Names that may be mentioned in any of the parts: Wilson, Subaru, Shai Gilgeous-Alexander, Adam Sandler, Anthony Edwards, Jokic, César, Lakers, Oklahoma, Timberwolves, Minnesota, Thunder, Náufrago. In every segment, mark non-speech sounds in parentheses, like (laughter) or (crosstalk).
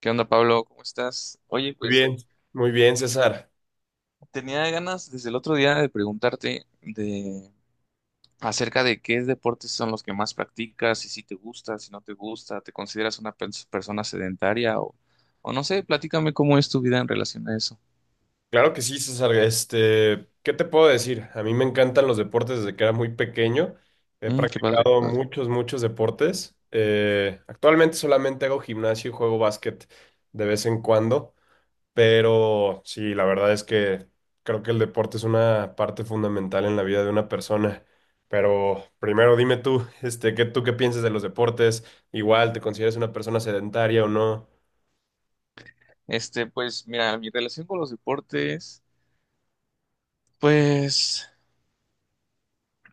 ¿Qué onda, Pablo? ¿Cómo estás? Oye, Muy pues bien, muy bien, César. tenía ganas desde el otro día de preguntarte de acerca de qué deportes son los que más practicas y si te gusta, si no te gusta, ¿te consideras una persona sedentaria o no sé, platícame cómo es tu vida en relación a eso. Claro que sí, César. Este, ¿qué te puedo decir? A mí me encantan los deportes desde que era muy pequeño. He Mm, qué padre, qué practicado padre. muchos, muchos deportes. Actualmente solamente hago gimnasio y juego básquet de vez en cuando, pero sí, la verdad es que creo que el deporte es una parte fundamental en la vida de una persona. Pero primero dime tú, este, ¿qué piensas de los deportes? Igual, ¿te consideras una persona sedentaria o no? Este, pues mira, mi relación con los deportes, pues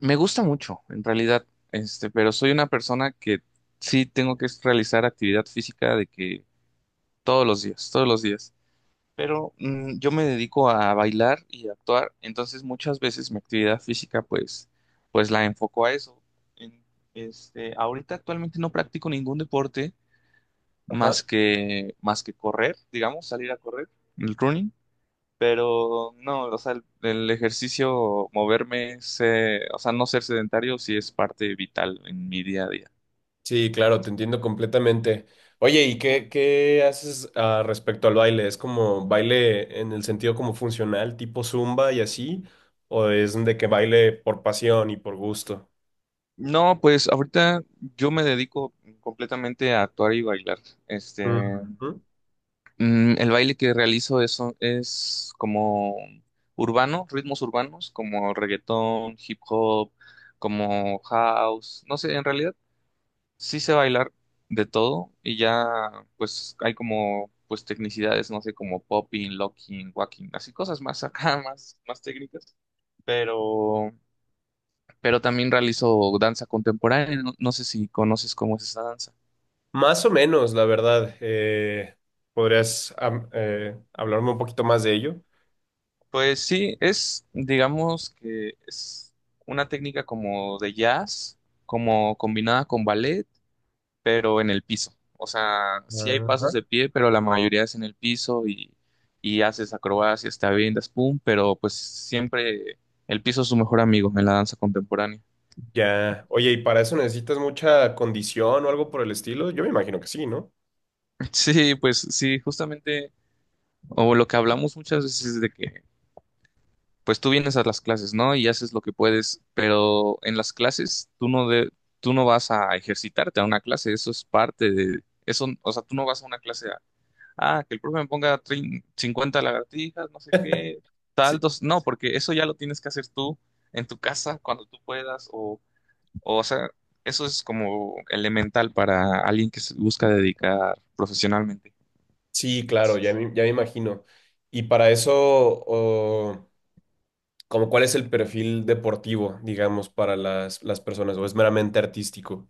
me gusta mucho, en realidad, este, pero soy una persona que sí tengo que realizar actividad física de que todos los días, todos los días. Pero yo me dedico a bailar y a actuar, entonces muchas veces mi actividad física pues, pues la enfoco a eso. En- este, ahorita actualmente no practico ningún deporte Ajá. Más que correr, digamos, salir a correr, el running, pero no, o sea, el ejercicio, moverme, o sea, no ser sedentario sí es parte vital en mi día a día. Sí, claro, te entiendo completamente. Oye, ¿y qué haces respecto al baile? ¿Es como baile en el sentido como funcional, tipo zumba y así? ¿O es de que baile por pasión y por gusto? No, pues ahorita yo me dedico completamente a actuar y bailar. Este, Ujú. mm, el baile que realizo eso es como urbano, ritmos urbanos, como reggaetón, hip hop, como house. No sé, en realidad sí sé bailar de todo y ya pues hay como pues tecnicidades, no sé, como popping, locking, walking, así cosas más acá, (laughs) más, más técnicas. Pero, pero también realizo danza contemporánea. No, no sé si conoces cómo es esa danza. Más o menos, la verdad. ¿Podrías hablarme un poquito más de ello? Pues sí, es, digamos que es una técnica como de jazz, como combinada con ballet, pero en el piso. O sea, sí hay pasos Ajá. de pie, pero la mayoría es en el piso y haces acrobacias, te avientas, pum, pero pues siempre el piso es su mejor amigo en la danza contemporánea. Ya. Oye, ¿y para eso necesitas mucha condición o algo por el estilo? Yo me imagino que sí, ¿no? (laughs) Sí, pues sí, justamente, o lo que hablamos muchas veces es de que pues tú vienes a las clases, ¿no? Y haces lo que puedes, pero en las clases tú no vas a ejercitarte a una clase, eso es parte de eso, o sea, tú no vas a una clase a, ah, que el profe me ponga 50 lagartijas, no sé qué, Sí, saltos, no, porque eso ya lo tienes que hacer tú en tu casa cuando tú puedas o sea, eso es como elemental para alguien que se busca dedicar profesionalmente. sí, claro, ya me imagino. Y para eso, como cuál es el perfil deportivo, digamos, para las personas, o es meramente artístico.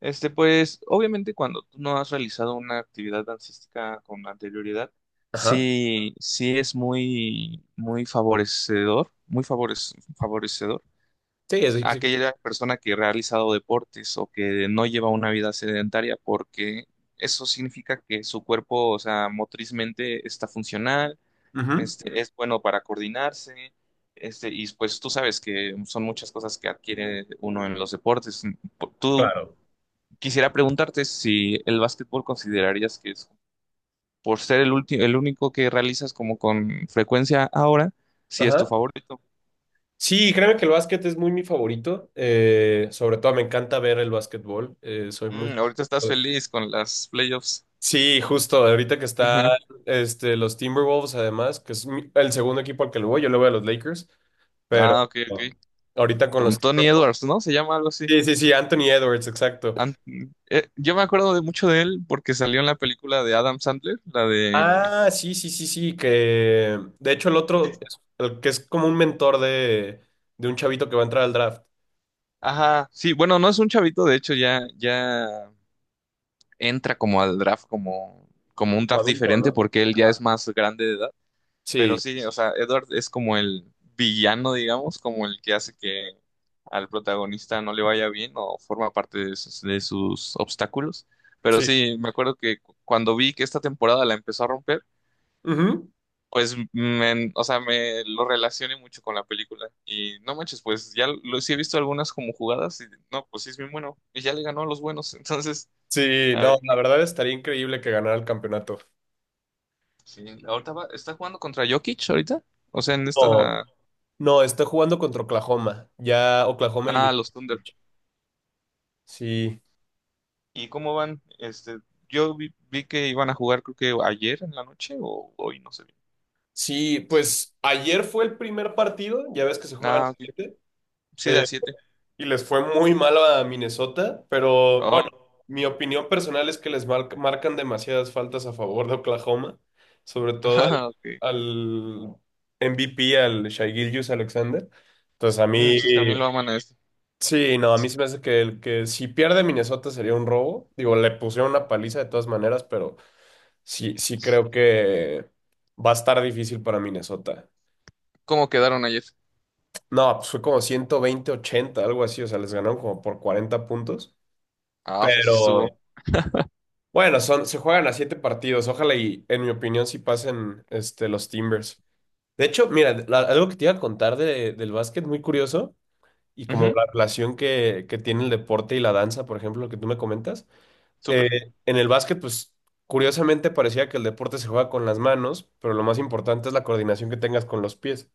Este, pues, obviamente cuando tú no has realizado una actividad dancística con anterioridad, Ajá. sí, sí es muy, muy favorecedor, muy favorecedor Sí, es sí. a Sí. aquella persona que ha realizado deportes o que no lleva una vida sedentaria, porque eso significa que su cuerpo, o sea, motrizmente está funcional, Ujú. este, es bueno para coordinarse, este, y pues tú sabes que son muchas cosas que adquiere uno en los deportes. ¿Tú Claro. Quisiera preguntarte si el básquetbol considerarías que es, por ser el último, el único que realizas como con frecuencia ahora, si es tu Ajá. favorito. Sí, créeme que el básquet es muy mi favorito. Sobre todo me encanta ver el básquetbol. Soy muy... Mm, ahorita estás feliz con las playoffs. Sí, justo, ahorita que están Ajá. este, los Timberwolves, además, que es el segundo equipo al que le voy, yo le voy a los Lakers, pero Ah, ok, ok. ahorita con Con los Tony Timberwolves. Edwards, ¿no? Se llama algo así. Sí, sí, sí, Anthony Edwards, exacto. Ant- eh, yo me acuerdo de mucho de él porque salió en la película de Adam Sandler, la de... Ah, sí, sí, sí, sí, que de hecho el Sí. otro, el que es como un mentor de un chavito que va a entrar al draft, Ajá, sí, bueno, no es un chavito, de hecho ya, ya entra como al draft como, como un como draft adulto, diferente ¿no? porque él ya es Ajá. más grande de edad. Sí, Pero sí, o sea, Edward es como el villano, digamos, como el que hace que al protagonista no le vaya bien o forma parte de sus obstáculos. Pero sí. sí, me acuerdo que cuando vi que esta temporada la empezó a romper, Ujú. pues, me, o sea, me lo relacioné mucho con la película. Y no manches, pues ya lo, sí he visto algunas como jugadas y no, pues sí es bien bueno. Y ya le ganó a los buenos. (laughs) Entonces, Sí, a no, ver, la verdad estaría increíble que ganara el campeonato. sí, ahorita está jugando contra Jokic ahorita. O sea, en No, esta... no, está jugando contra Oklahoma. Ya Oklahoma Ah, eliminó a los Thunder. Jokic. Sí, ¿Y cómo van? Este, yo vi, vi que iban a jugar, creo que ayer en la noche o hoy, no sé bien. sí, pues ayer fue el primer partido, ya ves que se juegan Ah, ok. siete. Sí, de a 7. Y les fue muy mal a Minnesota, pero bueno, Oh, mi opinión personal es que les marcan demasiadas faltas a favor de Oklahoma, sobre (laughs) todo al, ah, ok. al MVP, al Shai Gilgeous-Alexander. Entonces a Mm, mí, sí, también lo aman a este. sí, no, a mí se me hace que, que si pierde Minnesota sería un robo. Digo, le pusieron una paliza de todas maneras, pero sí, sí creo que va a estar difícil para Minnesota. ¿Cómo quedaron ayer? No, pues fue como 120-80 algo así, o sea, les ganaron como por 40 puntos. Ah, o sea, sí estuvo. Pero bueno, son, se juegan a siete partidos. Ojalá y, en mi opinión, sí pasen este, los Timbers. De hecho, mira, algo que te iba a contar del básquet, muy curioso, y como Ujú, la relación que tiene el deporte y la danza, por ejemplo, lo que tú me comentas. Eh, súper. en el básquet, pues, curiosamente parecía que el deporte se juega con las manos, pero lo más importante es la coordinación que tengas con los pies.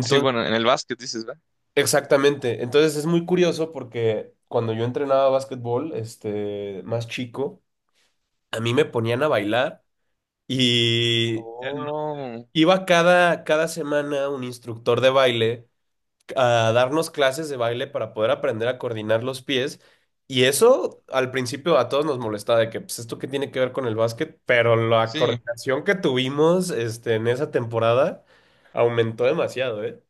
Sí, bueno, en el básquet dices, ¿verdad? exactamente. Entonces, es muy curioso porque cuando yo entrenaba básquetbol, este, más chico, a mí me ponían a bailar. Y Oh, iba cada, cada semana un instructor de baile a darnos clases de baile para poder aprender a coordinar los pies. Y eso al principio a todos nos molestaba de que, pues, ¿esto qué tiene que ver con el básquet? Pero la sí. coordinación que tuvimos, este, en esa temporada aumentó demasiado, ¿eh?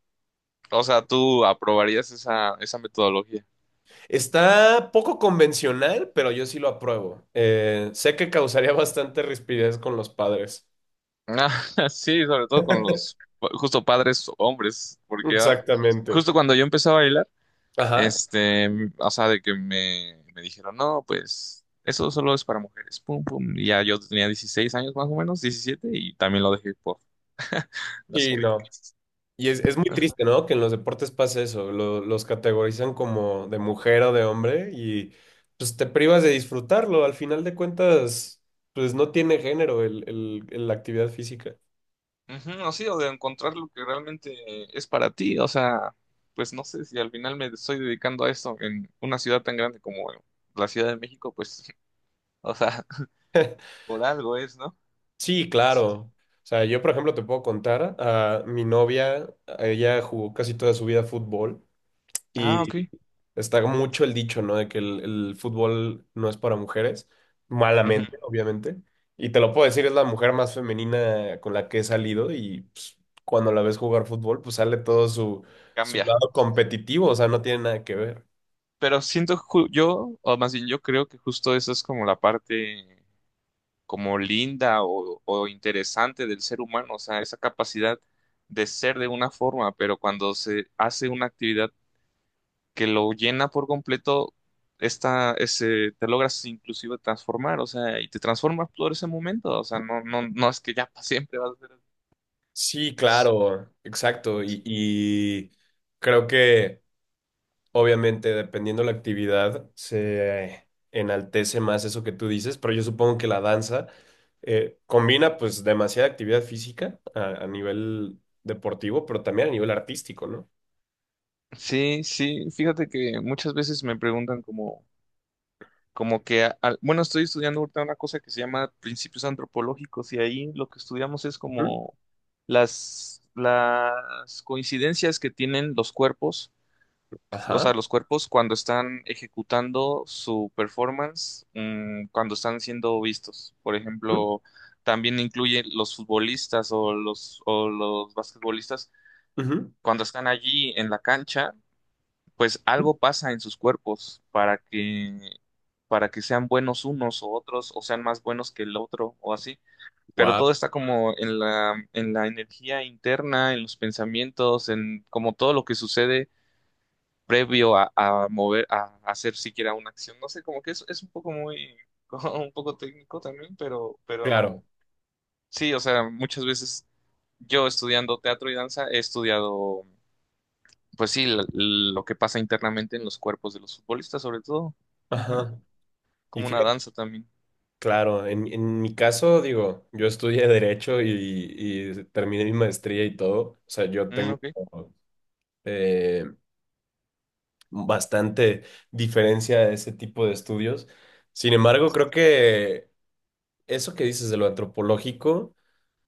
O sea, tú aprobarías esa, esa metodología. Está poco convencional, pero yo sí lo apruebo. Sé que causaría (laughs) bastante rispidez con los padres. Ah, (laughs) sí, sobre todo con los justo padres hombres, porque ah, Exactamente. justo cuando yo empecé a bailar, Ajá. este, o sea, de que me dijeron, no, pues eso solo es para mujeres, pum, pum. Y ya yo tenía 16 años más o menos, 17 y también lo dejé por las Sí, no. críticas. Y es muy triste, ¿no? Que en los deportes pase eso, los categorizan como de mujer o de hombre y pues te privas de disfrutarlo. Al final de cuentas, pues no tiene género la actividad física. Ujú, o sí, o de encontrar lo que realmente es para ti, o sea, pues no sé si al final me estoy dedicando a esto en una ciudad tan grande como la Ciudad de México, pues, (laughs) o sea, por algo es, ¿no? Sí, claro. O sea, yo por ejemplo te puedo contar a mi novia, ella jugó casi toda su vida fútbol. Ah, ok. Y está mucho el dicho, ¿no? De que el fútbol no es para mujeres, Ujú, malamente, obviamente. Y te lo puedo decir, es la mujer más femenina con la que he salido y pues, cuando la ves jugar fútbol, pues sale todo su, su cambia. lado competitivo, o sea, no tiene nada que ver. Pero siento yo, o más bien yo creo que justo eso es como la parte como linda o interesante del ser humano, o sea, esa capacidad de ser de una forma, pero cuando se hace una actividad que lo llena por completo, esta, ese, te logras inclusive transformar, o sea, y te transformas por ese momento, o sea, no, no, no es que ya para siempre vas a ser así. Sí, claro, exacto. Y creo que... Obviamente, dependiendo la actividad, se enaltece más eso que tú dices, pero yo supongo que la danza combina pues demasiada actividad física a nivel deportivo, pero también a nivel artístico, ¿no? Sí, sí, fíjate que muchas veces me preguntan como bueno, estoy estudiando ahorita una cosa que se llama principios antropológicos y ahí lo que estudiamos es Ujú. como las coincidencias que tienen los cuerpos, o sea, Ajá. los cuerpos cuando están ejecutando su performance, cuando están siendo vistos. Por ejemplo, también incluye los futbolistas o los basquetbolistas cuando están allí en la cancha pues algo pasa en sus cuerpos para que sean buenos unos o otros, o sean más buenos que el otro, o así. Pero Wow. todo está como en la energía interna, en los pensamientos, en como todo lo que sucede previo a mover, a, hacer siquiera una acción. No sé, como que es un poco muy, (laughs) como un poco técnico también, pero Claro. sí, o sea, muchas veces yo estudiando teatro y danza he estudiado pues sí, lo que pasa internamente en los cuerpos de los futbolistas, sobre todo. Ujú. Ajá. Y Como una fíjate, danza también. claro, en mi caso, digo, yo estudié Derecho y terminé mi maestría y todo. O sea, yo Mm, tengo ok. eh, bastante diferencia de ese tipo de estudios. Sin embargo, creo que eso que dices de lo antropológico,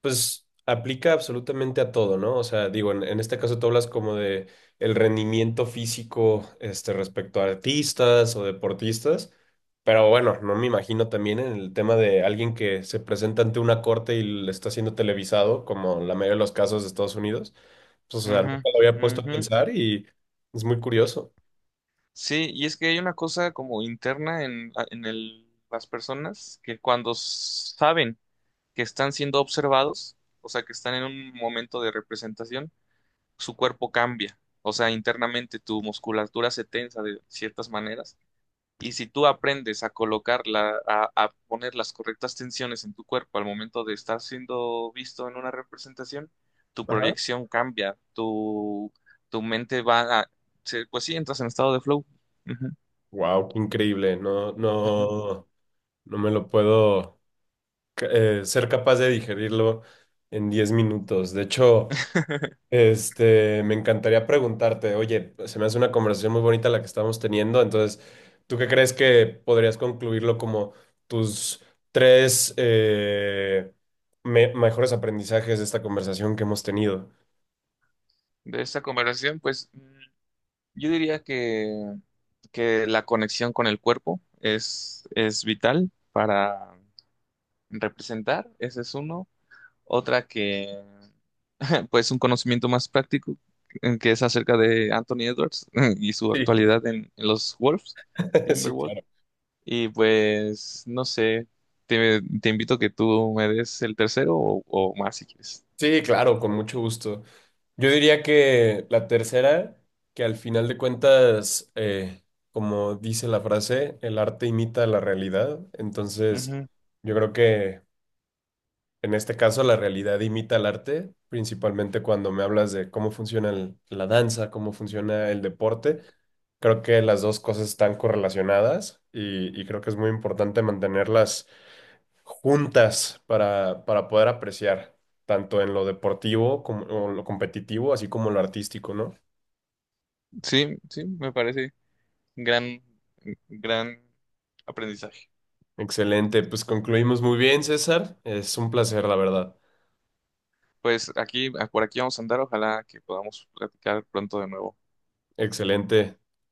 pues aplica absolutamente a todo, ¿no? O sea, digo, en este caso tú hablas como de el rendimiento físico, este, respecto a artistas o deportistas, pero bueno, no me imagino también en el tema de alguien que se presenta ante una corte y le está siendo televisado, como en la mayoría de los casos de Estados Unidos. Pues, o sea, Ujú, nunca lo había puesto a ujú. pensar y es muy curioso. Sí, y es que hay una cosa como interna en, las personas que cuando saben que están siendo observados, o sea, que están en un momento de representación, su cuerpo cambia. O sea, internamente tu musculatura se tensa de ciertas maneras. Y si tú aprendes a colocarla, a poner las correctas tensiones en tu cuerpo al momento de estar siendo visto en una representación, tu proyección cambia, tu mente va a, pues sí, entras en estado de flow. Ujú, Wow, qué increíble. No, ujú. no, no me lo puedo ser capaz de digerirlo en 10 minutos. De hecho, (laughs) este, me encantaría preguntarte, oye, se me hace una conversación muy bonita la que estamos teniendo. Entonces, ¿tú qué crees que podrías concluirlo como tus tres mejores aprendizajes de esta conversación que hemos tenido? De esta conversación, pues mm, yo diría que la conexión con el cuerpo es vital para representar, ese es uno. Otra que, (laughs) pues, un conocimiento más práctico, que es acerca de Anthony Edwards (laughs) y su Sí, actualidad en los Wolves, (laughs) sí, Timberwolves. claro. Y pues, no sé, te invito a que tú me des el tercero o más si quieres. Sí, claro, con mucho gusto. Yo diría que la tercera, que al final de cuentas, como dice la frase, el arte imita la realidad. Entonces, Ujú. yo creo que en este caso la realidad imita al arte, principalmente cuando me hablas de cómo funciona la danza, cómo funciona el deporte. Creo que las dos cosas están correlacionadas y creo que es muy importante mantenerlas juntas para poder apreciar, tanto en lo deportivo como o lo competitivo, así como en lo artístico, ¿no? Sí, sí, me parece gran, gran aprendizaje. Excelente, pues concluimos muy bien, César. Es un placer, la verdad. Pues aquí, por aquí vamos a andar, ojalá que podamos platicar pronto de nuevo. Excelente.